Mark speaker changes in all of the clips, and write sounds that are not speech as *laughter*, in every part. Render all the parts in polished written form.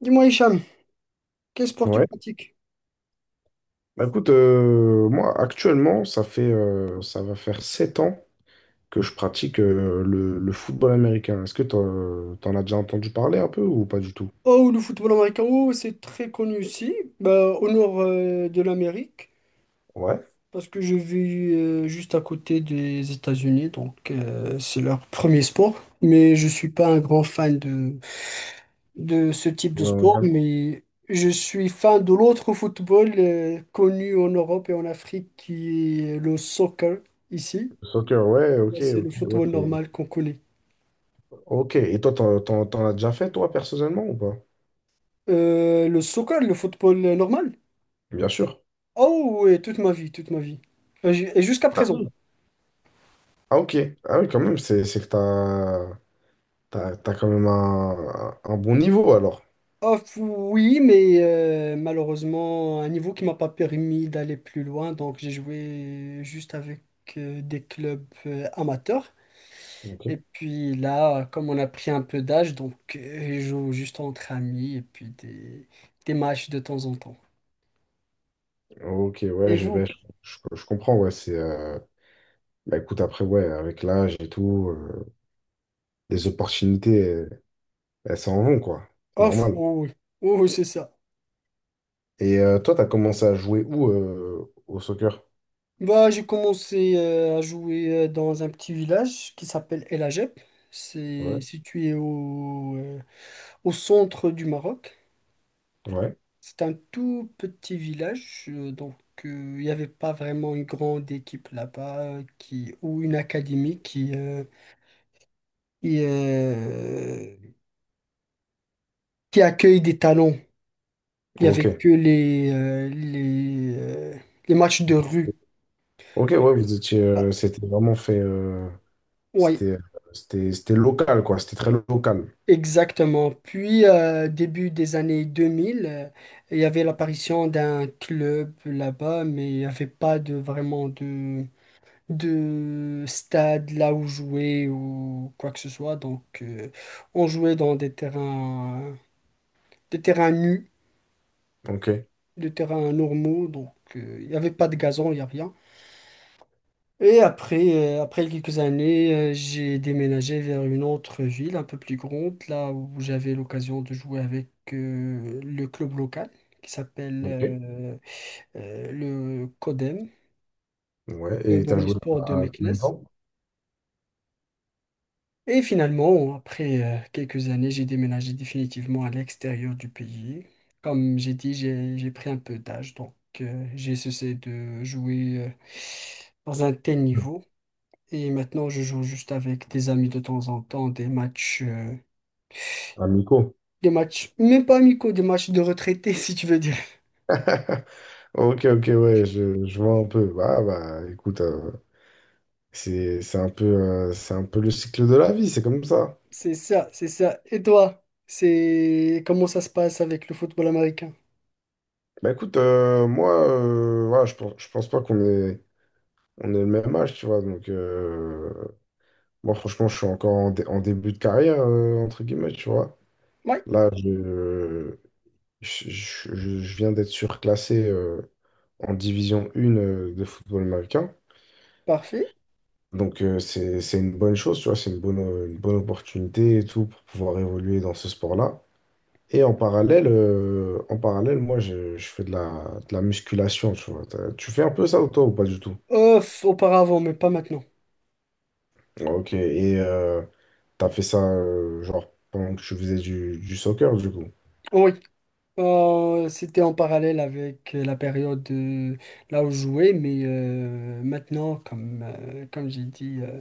Speaker 1: Dis-moi, Hicham, quel sport tu
Speaker 2: Ouais.
Speaker 1: pratiques?
Speaker 2: Bah, écoute, moi actuellement, ça va faire 7 ans que je pratique le football américain. Est-ce que t'en as déjà entendu parler un peu ou pas du tout?
Speaker 1: Oh, le football américain, oh, c'est très connu ici, bah, au nord de l'Amérique,
Speaker 2: Ouais.
Speaker 1: parce que je vis juste à côté des États-Unis, donc c'est leur premier sport. Mais je suis pas un grand fan de ce type de
Speaker 2: Euh,
Speaker 1: sport, mais je suis fan de l'autre football connu en Europe et en Afrique, qui est le soccer ici.
Speaker 2: soccer, ouais,
Speaker 1: Ouais,
Speaker 2: ok,
Speaker 1: c'est
Speaker 2: ok,
Speaker 1: le
Speaker 2: ouais,
Speaker 1: football normal qu'on connaît.
Speaker 2: Ok, et toi, t'en as déjà fait, toi, personnellement, ou pas?
Speaker 1: Le soccer, le football normal?
Speaker 2: Bien sûr.
Speaker 1: Oh oui, toute ma vie, toute ma vie. Et jusqu'à
Speaker 2: Ah
Speaker 1: présent.
Speaker 2: oui. Ah, ok. Ah oui, quand même, c'est que t'as quand même un bon niveau, alors.
Speaker 1: Oh, oui, mais malheureusement, un niveau qui m'a pas permis d'aller plus loin, donc j'ai joué juste avec des clubs amateurs.
Speaker 2: Ok.
Speaker 1: Et puis là, comme on a pris un peu d'âge, donc je joue juste entre amis et puis des matchs de temps en temps.
Speaker 2: Ok, ouais,
Speaker 1: Et
Speaker 2: je,
Speaker 1: vous?
Speaker 2: ben, je comprends, ouais, Bah écoute, après, ouais, avec l'âge et tout, les opportunités, elles s'en vont, quoi. C'est
Speaker 1: Oh,
Speaker 2: normal.
Speaker 1: oui, oui, oh, oui, c'est ça.
Speaker 2: Et toi, t'as commencé à jouer où au soccer?
Speaker 1: Bah, j'ai commencé à jouer dans un petit village qui s'appelle El Ajeb. C'est
Speaker 2: Ouais.
Speaker 1: situé au centre du Maroc.
Speaker 2: Ouais.
Speaker 1: C'est un tout petit village, donc euh, il n'y avait pas vraiment une grande équipe là-bas ou une académie qui, euh, qui accueille des talents. Il n'y
Speaker 2: Ok.
Speaker 1: avait que les matchs de rue.
Speaker 2: Ok, ouais, vous étiez,
Speaker 1: Ah,
Speaker 2: c'était vraiment fait,
Speaker 1: ouais,
Speaker 2: c'était, c'était local, quoi. C'était très local.
Speaker 1: exactement. Puis, début des années 2000, il y avait l'apparition d'un club là-bas, mais il n'y avait pas vraiment de stade là où jouer ou quoi que ce soit. Donc, on jouait dans des terrains nus,
Speaker 2: Ok.
Speaker 1: des terrains normaux. Donc, il n'y avait pas de gazon, il n'y a rien. Et après quelques années, j'ai déménagé vers une autre ville un peu plus grande, là où j'avais l'occasion de jouer avec le club local qui s'appelle
Speaker 2: Ok.
Speaker 1: le CODEM,
Speaker 2: Ouais.
Speaker 1: le
Speaker 2: Et t'as joué
Speaker 1: Omnisport de
Speaker 2: à combien de
Speaker 1: Meknès.
Speaker 2: temps?
Speaker 1: Et finalement, après quelques années, j'ai déménagé définitivement à l'extérieur du pays. Comme j'ai dit, j'ai pris un peu d'âge, donc j'ai cessé de jouer dans un tel niveau. Et maintenant, je joue juste avec des amis de temps en temps, des matchs, euh,
Speaker 2: À Mico. *laughs*
Speaker 1: des matchs, même pas amicaux, des matchs de retraités, *laughs* si tu veux dire.
Speaker 2: Ok, ok, ouais, je vois un peu. Bah, écoute, c'est un peu le cycle de la vie, c'est comme ça.
Speaker 1: C'est ça, c'est ça. Et toi, c'est comment ça se passe avec le football américain?
Speaker 2: Bah écoute, moi, voilà, je pense pas on est le même âge, tu vois. Donc, moi, franchement, je suis encore en début de carrière, entre guillemets, tu vois.
Speaker 1: Oui,
Speaker 2: Là, je viens d'être surclassé en division 1 de football américain.
Speaker 1: parfait.
Speaker 2: Donc, c'est une bonne chose, tu vois. Une bonne opportunité et tout pour pouvoir évoluer dans ce sport-là. Et en parallèle, moi, je fais de la musculation, tu vois. Tu fais un peu ça ou toi ou pas du tout?
Speaker 1: Ouf, auparavant, mais pas maintenant.
Speaker 2: Ok, et t'as fait ça genre pendant que tu faisais du soccer du coup.
Speaker 1: Oui. C'était en parallèle avec la période là où je jouais, mais maintenant, comme j'ai dit,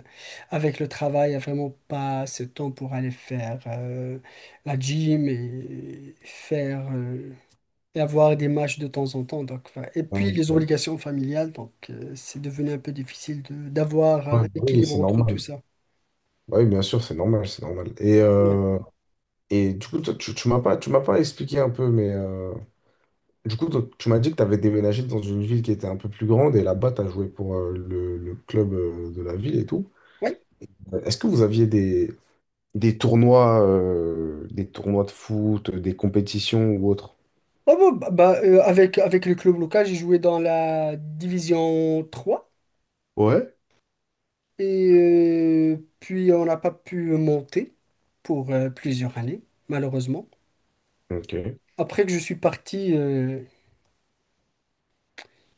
Speaker 1: avec le travail, il n'y a vraiment pas ce temps pour aller faire la gym et avoir des matchs de temps en temps. Donc, enfin, et puis les
Speaker 2: Ok.
Speaker 1: obligations familiales, donc c'est devenu un peu difficile d'avoir
Speaker 2: Ouais,
Speaker 1: un
Speaker 2: bah oui,
Speaker 1: équilibre
Speaker 2: c'est
Speaker 1: entre tout
Speaker 2: normal.
Speaker 1: ça.
Speaker 2: Oui, bien sûr, c'est normal, c'est normal.
Speaker 1: Ouais.
Speaker 2: Et du coup, toi, tu m'as pas expliqué un peu, mais du coup, toi, tu m'as dit que tu avais déménagé dans une ville qui était un peu plus grande et là-bas, tu as joué pour le club de la ville et tout.
Speaker 1: Ouais.
Speaker 2: Est-ce que vous aviez des tournois de foot, des compétitions ou autres?
Speaker 1: Oh, bon, bah, avec le club local, j'ai joué dans la division trois.
Speaker 2: Ouais.
Speaker 1: Et puis, on n'a pas pu monter pour plusieurs années, malheureusement.
Speaker 2: Ok.
Speaker 1: Après que je suis parti,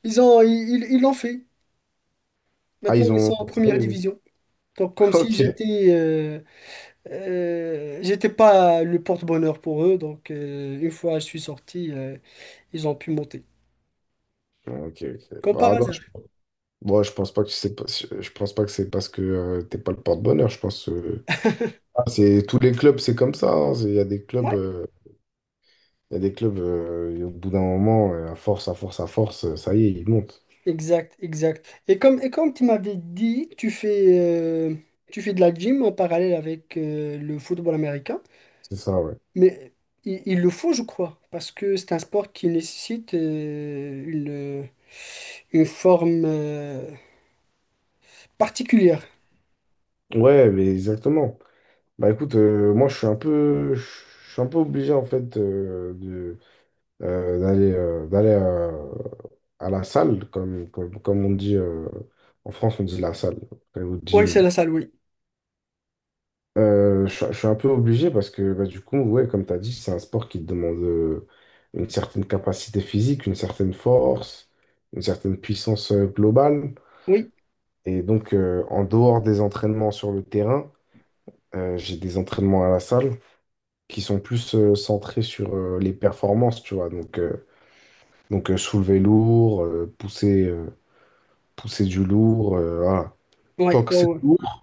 Speaker 1: ils l'ont fait.
Speaker 2: Ah,
Speaker 1: Maintenant,
Speaker 2: ils
Speaker 1: ils
Speaker 2: ont.
Speaker 1: sont en
Speaker 2: Ça,
Speaker 1: première
Speaker 2: ils-
Speaker 1: division. Donc, comme
Speaker 2: *laughs*
Speaker 1: si
Speaker 2: Ok.
Speaker 1: j'étais pas le porte-bonheur pour eux. Donc, une fois je suis sorti, ils ont pu monter.
Speaker 2: Ok, ok.
Speaker 1: Comme par
Speaker 2: Ah non,
Speaker 1: hasard.
Speaker 2: moi, je pense pas que c'est pas- je pense pas que c'est parce que t'es pas le porte-bonheur. C'est tous les clubs, c'est comme ça. Hein. Il y a des clubs,
Speaker 1: Ouais,
Speaker 2: et au bout d'un moment, à force, à force, à force, ça y est, ils montent.
Speaker 1: exact, exact. Et comme tu m'avais dit, euh, tu fais de la gym en parallèle avec le football américain.
Speaker 2: C'est ça, ouais.
Speaker 1: Mais il le faut, je crois, parce que c'est un sport qui nécessite une forme particulière.
Speaker 2: Ouais, mais exactement. Bah écoute, moi je suis un peu, je suis un peu obligé en fait de d'aller d'aller à la salle, comme on dit en France, on dit la salle, au
Speaker 1: Oui, c'est
Speaker 2: gym.
Speaker 1: la salle, oui.
Speaker 2: Je suis un peu obligé parce que bah, du coup, ouais, comme tu as dit, c'est un sport qui te demande une certaine capacité physique, une certaine force, une certaine puissance globale.
Speaker 1: Oui,
Speaker 2: Et donc, en dehors des entraînements sur le terrain, j'ai des entraînements à la salle qui sont plus centrés sur les performances, tu vois. Donc, soulever lourd, pousser du lourd, voilà.
Speaker 1: oui,
Speaker 2: Tant
Speaker 1: oui,
Speaker 2: que c'est
Speaker 1: oui.
Speaker 2: lourd,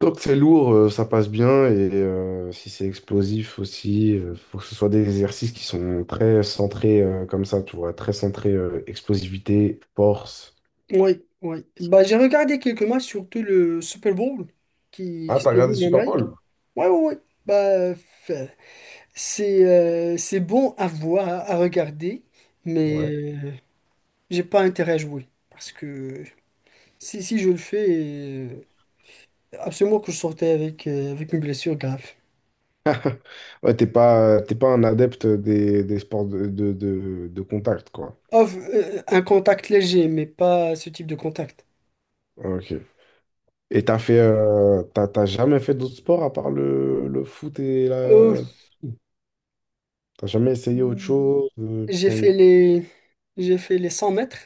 Speaker 2: donc c'est lourd, ça passe bien et si c'est explosif aussi, faut que ce soit des exercices qui sont très centrés comme ça, tu vois, très centrés explosivité, force.
Speaker 1: Oui, oui. Bah, j'ai regardé quelques matchs, surtout le Super Bowl qui,
Speaker 2: Ah,
Speaker 1: qui se
Speaker 2: t'as regardé
Speaker 1: déroule en
Speaker 2: Super
Speaker 1: Amérique.
Speaker 2: Bowl?
Speaker 1: Oui, oui, oui. Bah, c'est c'est bon à voir, à regarder, mais
Speaker 2: Ouais.
Speaker 1: j'ai pas intérêt à jouer. Parce que si je le fais. Absolument que je sortais avec une blessure grave.
Speaker 2: Ouais, t'es pas un adepte des sports de contact, quoi.
Speaker 1: Off, un contact léger, mais pas ce type de contact.
Speaker 2: Ok. Et t'as fait, t'as jamais fait d'autres sports à part le foot et
Speaker 1: Euh,
Speaker 2: la... T'as jamais essayé autre chose?
Speaker 1: j'ai fait les 100 mètres,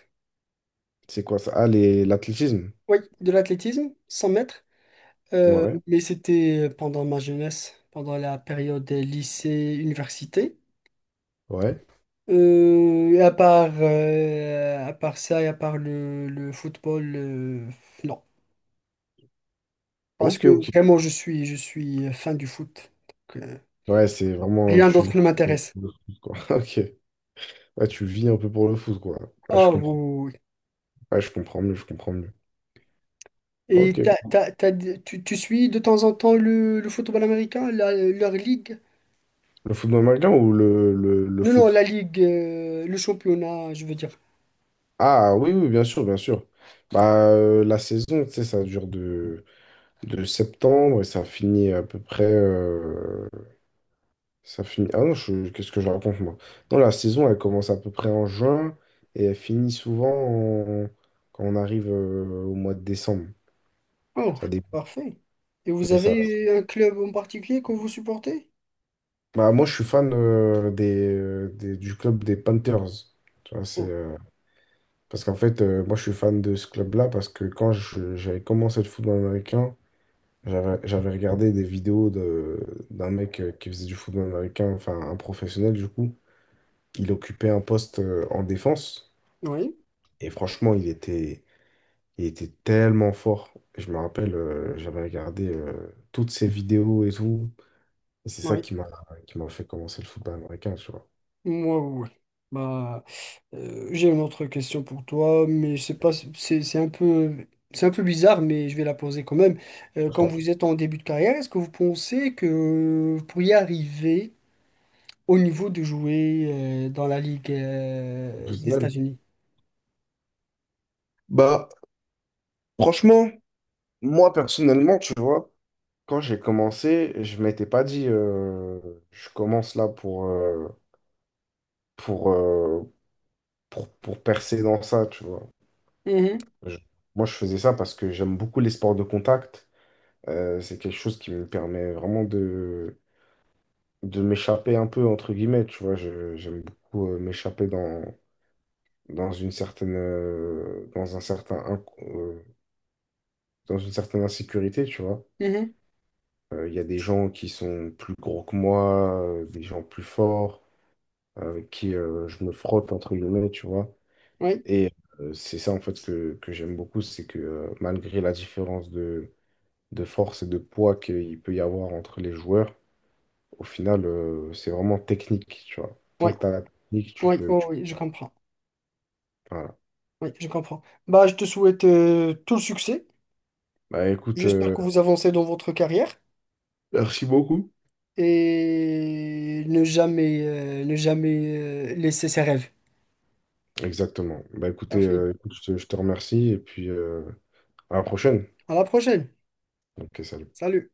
Speaker 2: C'est quoi ça? L'athlétisme.
Speaker 1: oui, de l'athlétisme, 100 mètres.
Speaker 2: Ouais,
Speaker 1: Mais c'était pendant ma jeunesse, pendant la période lycée-université.
Speaker 2: ouais.
Speaker 1: Et à part ça et à part le football, non. Parce
Speaker 2: Ok,
Speaker 1: que
Speaker 2: ok.
Speaker 1: vraiment, je suis fan du foot. Donc,
Speaker 2: Ouais, c'est vraiment.
Speaker 1: rien
Speaker 2: Tu vis
Speaker 1: d'autre ne
Speaker 2: pour
Speaker 1: m'intéresse.
Speaker 2: le foot, quoi. *laughs* Ok. Ouais, tu vis un peu pour le foot, quoi. Ouais, je
Speaker 1: Ah oui.
Speaker 2: comprends.
Speaker 1: Oui, oui.
Speaker 2: Ouais, je comprends mieux, je comprends mieux.
Speaker 1: Et
Speaker 2: Ok.
Speaker 1: tu suis de temps en temps le football américain, leur ligue?
Speaker 2: Le football américain ou le
Speaker 1: Non, non, la
Speaker 2: foot?
Speaker 1: ligue, le championnat, je veux dire.
Speaker 2: Ah, oui, oui, bien sûr, bien sûr. Bah, la saison, tu sais, ça dure de septembre et ça finit à peu près. Ça finit. Ah non, qu'est-ce que je raconte, moi? Non, la saison, elle commence à peu près en juin et elle finit souvent quand on arrive au mois de décembre.
Speaker 1: Oh,
Speaker 2: Ça dépend.
Speaker 1: parfait. Et vous
Speaker 2: Mais ça
Speaker 1: avez un club en particulier que vous supportez?
Speaker 2: Bah, moi, je suis fan du club des Panthers. Tu vois,
Speaker 1: Oh,
Speaker 2: parce qu'en fait, moi, je suis fan de ce club-là parce que quand j'avais commencé le football américain, j'avais regardé des vidéos d'un mec qui faisait du football américain, enfin, un professionnel, du coup. Il occupait un poste en défense
Speaker 1: oui,
Speaker 2: et franchement, il était tellement fort. Je me rappelle, j'avais regardé toutes ses vidéos et tout. Et c'est ça
Speaker 1: oui.
Speaker 2: qui m'a fait commencer le football américain, tu vois.
Speaker 1: Moi, oui. Oui. Bah, j'ai une autre question pour toi, mais c'est pas, c'est un peu bizarre, mais je vais la poser quand même. Euh,
Speaker 2: Je
Speaker 1: quand
Speaker 2: t'en prie,
Speaker 1: vous êtes en début de carrière, est-ce que vous pensez que vous pourriez arriver au niveau de jouer dans la Ligue des
Speaker 2: professionnel.
Speaker 1: États-Unis.
Speaker 2: Bah, franchement, moi personnellement, tu vois, quand j'ai commencé, je m'étais pas dit, je commence là pour, euh, pour percer dans ça, tu vois.
Speaker 1: Mhm,
Speaker 2: Je- moi, je faisais ça parce que j'aime beaucoup les sports de contact. C'est quelque chose qui me permet vraiment de m'échapper un peu, entre guillemets, tu vois. J'aime beaucoup m'échapper dans une certaine, dans un certain, inc- euh, dans une certaine insécurité, tu vois.
Speaker 1: mhm,
Speaker 2: Il y a des gens qui sont plus gros que moi, des gens plus forts, avec qui je me frotte, entre guillemets, tu vois.
Speaker 1: oui,
Speaker 2: Et c'est ça, en fait, que j'aime beaucoup, c'est que malgré la différence de force et de poids qu'il peut y avoir entre les joueurs, au final, c'est vraiment technique, tu vois. Tant
Speaker 1: oui,
Speaker 2: que tu as la technique,
Speaker 1: oui, oh oui, je comprends.
Speaker 2: voilà.
Speaker 1: Oui, je comprends. Bah, je te souhaite tout le succès.
Speaker 2: Bah écoute,
Speaker 1: J'espère
Speaker 2: euh,
Speaker 1: que vous avancez dans votre carrière
Speaker 2: Merci beaucoup.
Speaker 1: et ne jamais laisser ses rêves.
Speaker 2: Exactement. Bah
Speaker 1: Parfait.
Speaker 2: écoute, je te remercie et puis à la prochaine.
Speaker 1: À la prochaine.
Speaker 2: Ok, salut.
Speaker 1: Salut.